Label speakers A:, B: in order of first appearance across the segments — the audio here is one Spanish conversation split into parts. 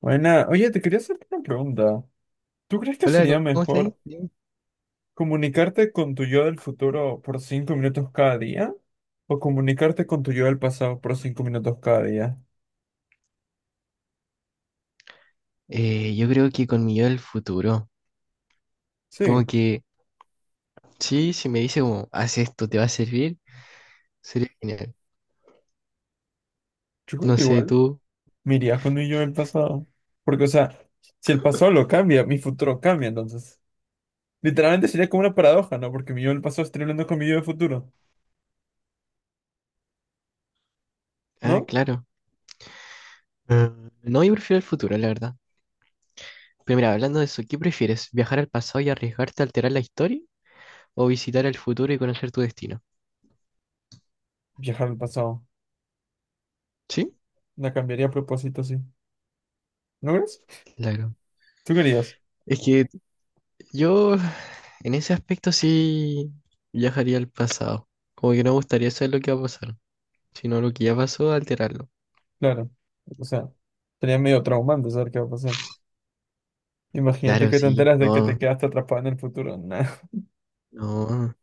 A: Buena, oye, te quería hacer una pregunta. ¿Tú crees que
B: Hola,
A: sería
B: ¿cómo estás?
A: mejor
B: Bien.
A: comunicarte con tu yo del futuro por 5 minutos cada día? ¿O comunicarte con tu yo del pasado por 5 minutos cada día?
B: Yo creo que con mi yo del futuro, como
A: Sí,
B: que sí, si me dice como, haz esto, te va a servir, sería genial.
A: yo creo
B: No
A: que
B: sé,
A: igual
B: tú.
A: me iría con mi yo del pasado. Porque, o sea, si el pasado lo cambia, mi futuro cambia, entonces. Literalmente sería como una paradoja, ¿no? Porque mi yo del pasado estaría hablando con mi yo del futuro,
B: Ah,
A: ¿no?
B: claro. Ah, No, yo prefiero el futuro, la verdad. Pero mira, hablando de eso, ¿qué prefieres? ¿Viajar al pasado y arriesgarte a alterar la historia? ¿O visitar el futuro y conocer tu destino?
A: Viajar al pasado.
B: Sí,
A: La cambiaría a propósito, sí. ¿No crees?
B: claro.
A: ¿Tú querías?
B: Es que yo, en ese aspecto, sí viajaría al pasado. Como que no me gustaría saber lo que va a pasar, sino lo que ya pasó, alterarlo.
A: Claro. O sea, sería medio traumante saber qué va a pasar. Imagínate
B: Claro,
A: que te
B: sí,
A: enteras de que te
B: no,
A: quedaste atrapado en el futuro. Nah.
B: No,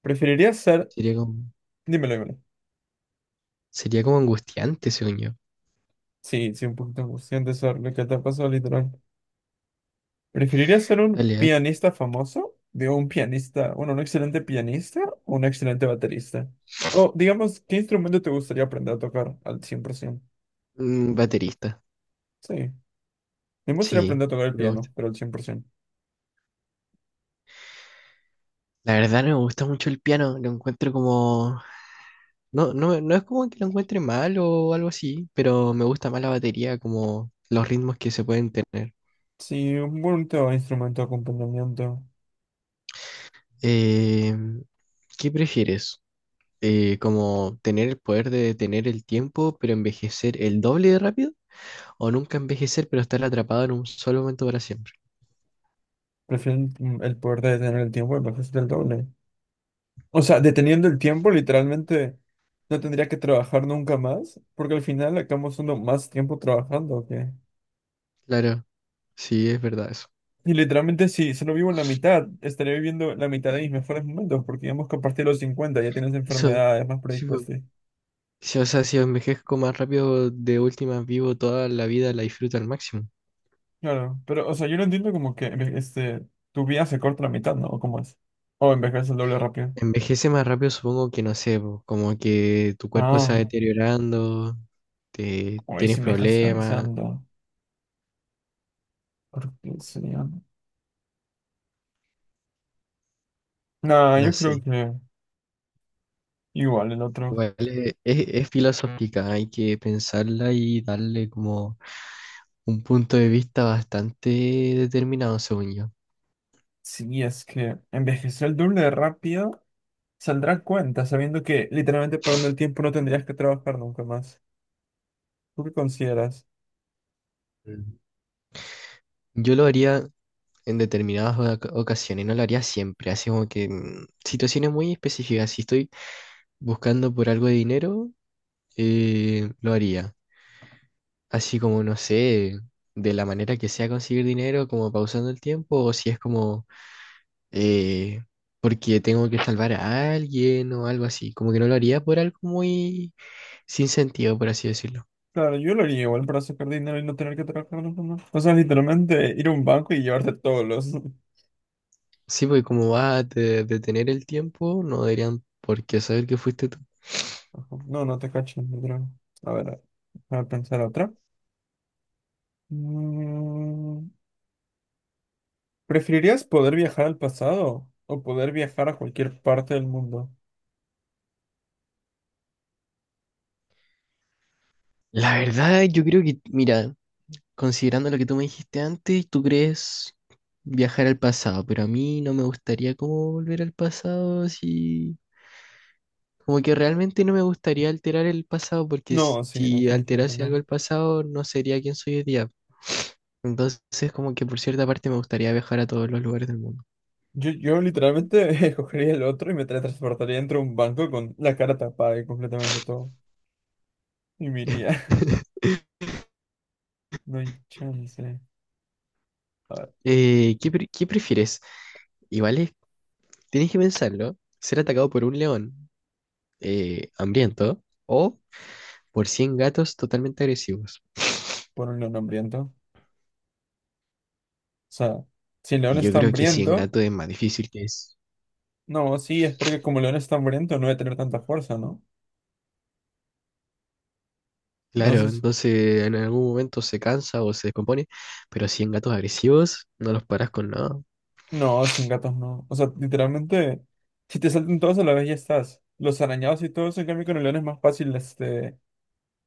A: ¿Preferirías ser...
B: sería como,
A: dímelo, dímelo.
B: sería como angustiante, según yo.
A: Sí, sí, un poquito angustiante saber lo que te pasó, literal. ¿Preferirías ser un
B: Dale, a ver.
A: pianista famoso? Digo, un pianista, bueno, un excelente pianista o un excelente baterista. O, digamos, ¿qué instrumento te gustaría aprender a tocar al 100%?
B: Baterista.
A: Sí. Me gustaría
B: Sí,
A: aprender a tocar el
B: me gusta.
A: piano, pero al 100%.
B: La verdad no me gusta mucho el piano, lo encuentro como... No, no, no es como que lo encuentre mal o algo así, pero me gusta más la batería, como los ritmos que se pueden tener.
A: Sí, un bonito instrumento de acompañamiento.
B: Eh, ¿Qué prefieres? ¿Como tener el poder de detener el tiempo, pero envejecer el doble de rápido? ¿O nunca envejecer, pero estar atrapado en un solo momento para siempre?
A: Prefiero el poder de tener el tiempo, me parece el doble. O sea, deteniendo el tiempo, literalmente no tendría que trabajar nunca más, porque al final acabamos dando más tiempo trabajando, ¿o qué?
B: Claro, sí, es verdad eso.
A: Y literalmente si solo vivo en la mitad, estaría viviendo la mitad de mis mejores momentos, porque digamos que a partir de los 50 ya tienes
B: Eso,
A: enfermedades más
B: sí, po.
A: predispuestas.
B: Sí, o sea, si envejezco más rápido, de última vivo toda la vida, la disfruto al máximo.
A: Claro, pero o sea, yo no entiendo como que tu vida se corta la mitad, ¿no? ¿O cómo es? O envejeces el doble rápido.
B: Envejece más rápido, supongo que no sé, po, como que tu cuerpo se va
A: Ah,
B: deteriorando,
A: Hoy
B: tienes
A: sí me dejas
B: problemas,
A: pensando. ¿Por qué sería? No,
B: no
A: yo creo
B: sé.
A: que igual el otro.
B: Igual es, es filosófica, hay que pensarla y darle como un punto de vista bastante determinado, según yo.
A: Sí, es que envejecer el doble de rápido saldrá cuenta, sabiendo que literalmente perdiendo el tiempo no tendrías que trabajar nunca más. ¿Tú qué consideras?
B: Mm. Yo lo haría en determinadas ocasiones, no lo haría siempre, así como que situaciones muy específicas. Si estoy buscando por algo de dinero, lo haría. Así como, no sé, de la manera que sea conseguir dinero, como pausando el tiempo, o si es como eh, porque tengo que salvar a alguien o algo así. Como que no lo haría por algo muy sin sentido, por así decirlo.
A: Claro, yo lo haría igual para sacar dinero y no tener que trabajar nunca más. O sea, literalmente ir a un banco y llevarte todos los...
B: Sí, porque como va a detener el tiempo, no deberían por qué saber que fuiste tú.
A: Ajá. No, no te cacho, literal. A ver, a pensar otra. Mm, ¿Preferirías poder viajar al pasado o poder viajar a cualquier parte del mundo?
B: La verdad, yo creo que, mira, considerando lo que tú me dijiste antes, tú crees viajar al pasado, pero a mí no me gustaría como volver al pasado, si como que realmente no me gustaría alterar el pasado, porque si
A: No, sí,
B: si
A: definitivamente
B: alterase algo
A: no.
B: el pasado no sería quien soy hoy día. Entonces, como que por cierta parte me gustaría viajar a todos los lugares del mundo.
A: Yo literalmente escogería el otro y me teletransportaría dentro de un banco con la cara tapada y completamente todo. Y me iría. No hay chance. A ver,
B: ¿ qué prefieres? Igual es- tienes que pensarlo, ser atacado por un león hambriento o por 100 totalmente agresivos.
A: por un león hambriento. O sea, si el
B: Y
A: león
B: yo
A: está
B: creo que si en
A: hambriento,
B: gato es más difícil que es.
A: no, sí, es porque como el león está hambriento no debe tener tanta fuerza, ¿no? No
B: Claro,
A: sé si...
B: entonces en algún momento se cansa o se descompone, pero si en gatos agresivos no los paras con nada.
A: no, sin gatos no. O sea, literalmente, si te saltan todos a la vez ya estás. Los arañados y todo eso, en cambio con el león es más fácil este,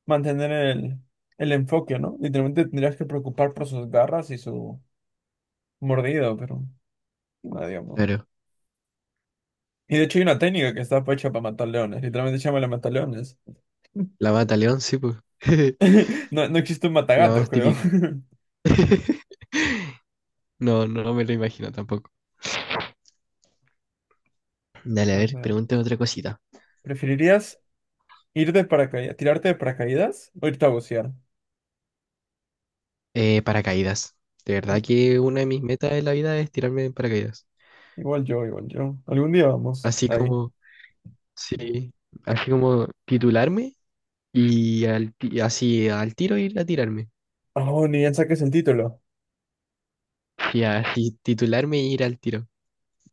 A: mantener el enfoque, ¿no? Literalmente tendrías que preocupar por sus garras y su mordido, pero. No, digamos.
B: Claro,
A: Y de hecho hay una técnica que está hecha para matar leones. Literalmente se llama la mataleones.
B: la mata león, sí, pues.
A: No, no existe un
B: La
A: matagatos,
B: más
A: creo.
B: típica. No, no me lo imagino tampoco. Dale, a
A: A
B: ver,
A: ver.
B: pregúntame otra cosita.
A: ¿Preferirías ir de paracaídas, tirarte de paracaídas o irte a bucear?
B: Paracaídas. De verdad
A: Mm,
B: que una de mis metas en la vida es tirarme en paracaídas.
A: Igual yo, igual yo. Algún día vamos.
B: Así
A: Ahí.
B: como, sí, así como titularme y al así al tiro ir a tirarme.
A: Oh, ni bien saques el título.
B: Y así titularme y ir al tiro.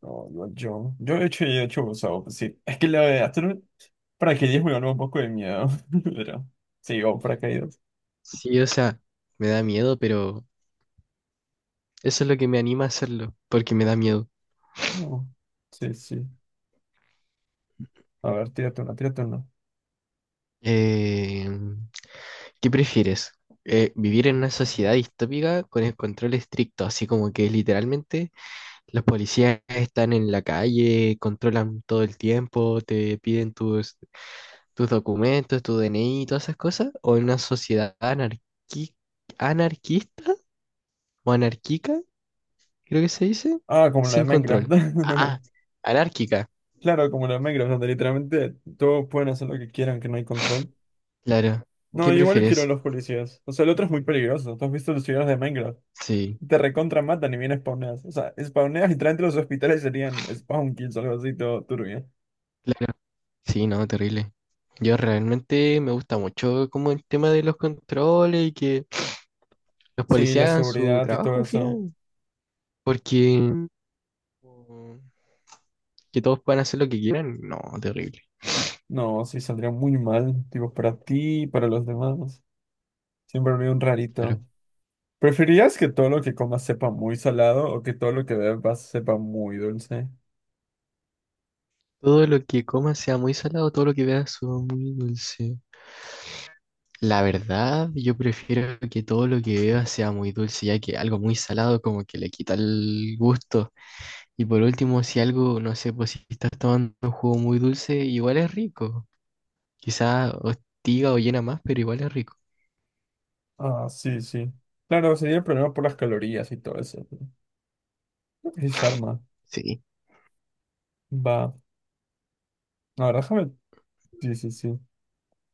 A: No, igual yo. Yo he hecho buceo. Pues sí. Es que la de hacer un paracaidismo me ganó un poco de miedo. Pero. Sí, o paracaídas.
B: Sí, o sea, me da miedo, pero eso es lo que me anima a hacerlo, porque me da miedo.
A: No. Sí, sí. A ver, tírate una, tírate una.
B: Eh, ¿Qué prefieres? ¿Vivir en una sociedad distópica con el control estricto, así como que literalmente los policías están en la calle, controlan todo el tiempo, te piden tus documentos, tu DNI y todas esas cosas? ¿O en una sociedad anarquista o anarquica, creo que se dice,
A: Ah, como la de
B: sin
A: Minecraft.
B: control? Ah, anárquica.
A: Claro, como los Minecraft, donde literalmente todos pueden hacer lo que quieran, que no hay control.
B: Claro. ¿Qué
A: No, igual yo quiero a
B: prefieres?
A: los policías. O sea, el otro es muy peligroso. ¿Tú has visto los videos de Minecraft?
B: Sí,
A: Te recontra matan y bien spawneas. O sea, spawneas y traen los hospitales serían spawn kills o algo así, todo turbio.
B: claro. Sí, no, terrible. Yo realmente me gusta mucho como el tema de los controles y que los
A: Sí, la
B: policías hagan su
A: seguridad y
B: trabajo
A: todo
B: al
A: eso.
B: final. Porque como que todos puedan hacer lo que quieran, no, terrible.
A: No, sí, saldría muy mal. Tipo, para ti y para los demás. Siempre habría un rarito.
B: Claro.
A: ¿Preferirías que todo lo que comas sepa muy salado o que todo lo que bebas sepa muy dulce?
B: Todo lo que comas sea muy salado, todo lo que veas sea muy dulce. La verdad, yo prefiero que todo lo que vea sea muy dulce, ya que algo muy salado como que le quita el gusto. Y por último, si algo, no sé, pues si estás tomando un jugo muy dulce, igual es rico. Quizá hostiga o llena más, pero igual es rico.
A: Ah, sí, sí. Claro, sería el problema por las calorías y todo eso, ¿no? Creo que sí se arma.
B: Sí.
A: Va. No, ahora déjame. Sí, sí, sí.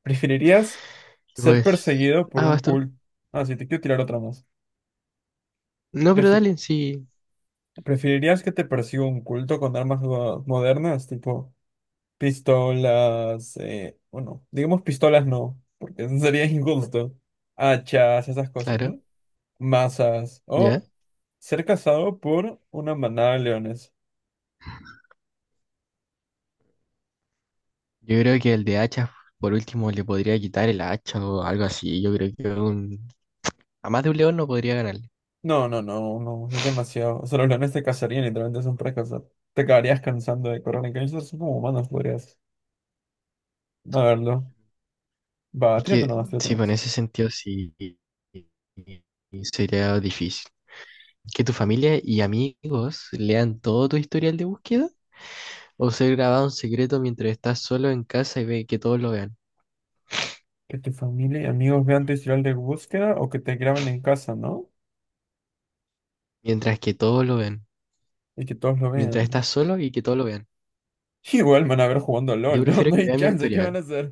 A: ¿Preferirías
B: Y
A: ser
B: pues,
A: perseguido por un
B: vas tú.
A: culto? Ah, sí, te quiero tirar otra más.
B: No, pero
A: Prefi-
B: dale, sí,
A: ¿Preferirías que te persiga un culto con armas modernas, tipo pistolas? Bueno, digamos pistolas no, porque eso sería injusto. Hachas, esas cosas,
B: claro,
A: ¿no? Masas.
B: ya.
A: O ser cazado por una manada de leones.
B: Yo creo que el de hacha, por último, le podría quitar el hacha o algo así. Yo creo que a más de un león no podría ganarle.
A: No, no, no, no, es demasiado. O sea, los leones te cazarían, literalmente son para cazar. Te acabarías cansando de correr en camisas, son como humanos, podrías. A verlo. Va,
B: Es que,
A: tírate nomás, tírate
B: sí, pues en
A: nomás.
B: ese sentido sí sería difícil. Que tu familia y amigos lean todo tu historial de búsqueda. O ser grabado en secreto mientras estás solo en casa y ve que todos lo vean.
A: Que tu familia y amigos vean tu historial de búsqueda o que te graben en casa, ¿no?
B: Mientras que todos lo ven.
A: Y que todos lo
B: Mientras
A: vean.
B: estás solo y que todos lo vean.
A: Igual me van a ver jugando a
B: Yo
A: LOL, ¿no?
B: prefiero
A: No
B: que
A: hay
B: vean mi
A: chance, ¿qué van
B: historial.
A: a hacer?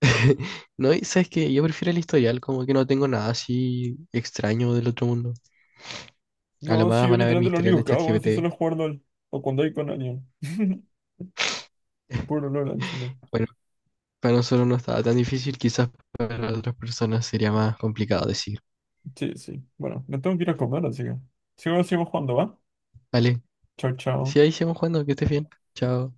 B: No, y sabes que yo prefiero el historial, como que no tengo nada así extraño del otro mundo. A lo
A: No, si
B: más
A: yo
B: van a ver mi
A: literalmente lo
B: historial
A: único
B: de
A: que hago, si solo
B: ChatGPT.
A: es jugar LOL. O cuando hay con alguien. Puro LOL en Chile.
B: Bueno, para nosotros no estaba tan difícil, quizás para otras personas sería más complicado decir.
A: Sí, sí. Bueno, me tengo que ir a comer, así que. Sigo, sigo jugando, ¿va?
B: Vale,
A: Chao,
B: si
A: chao.
B: ahí seguimos jugando, que estés bien. Chao.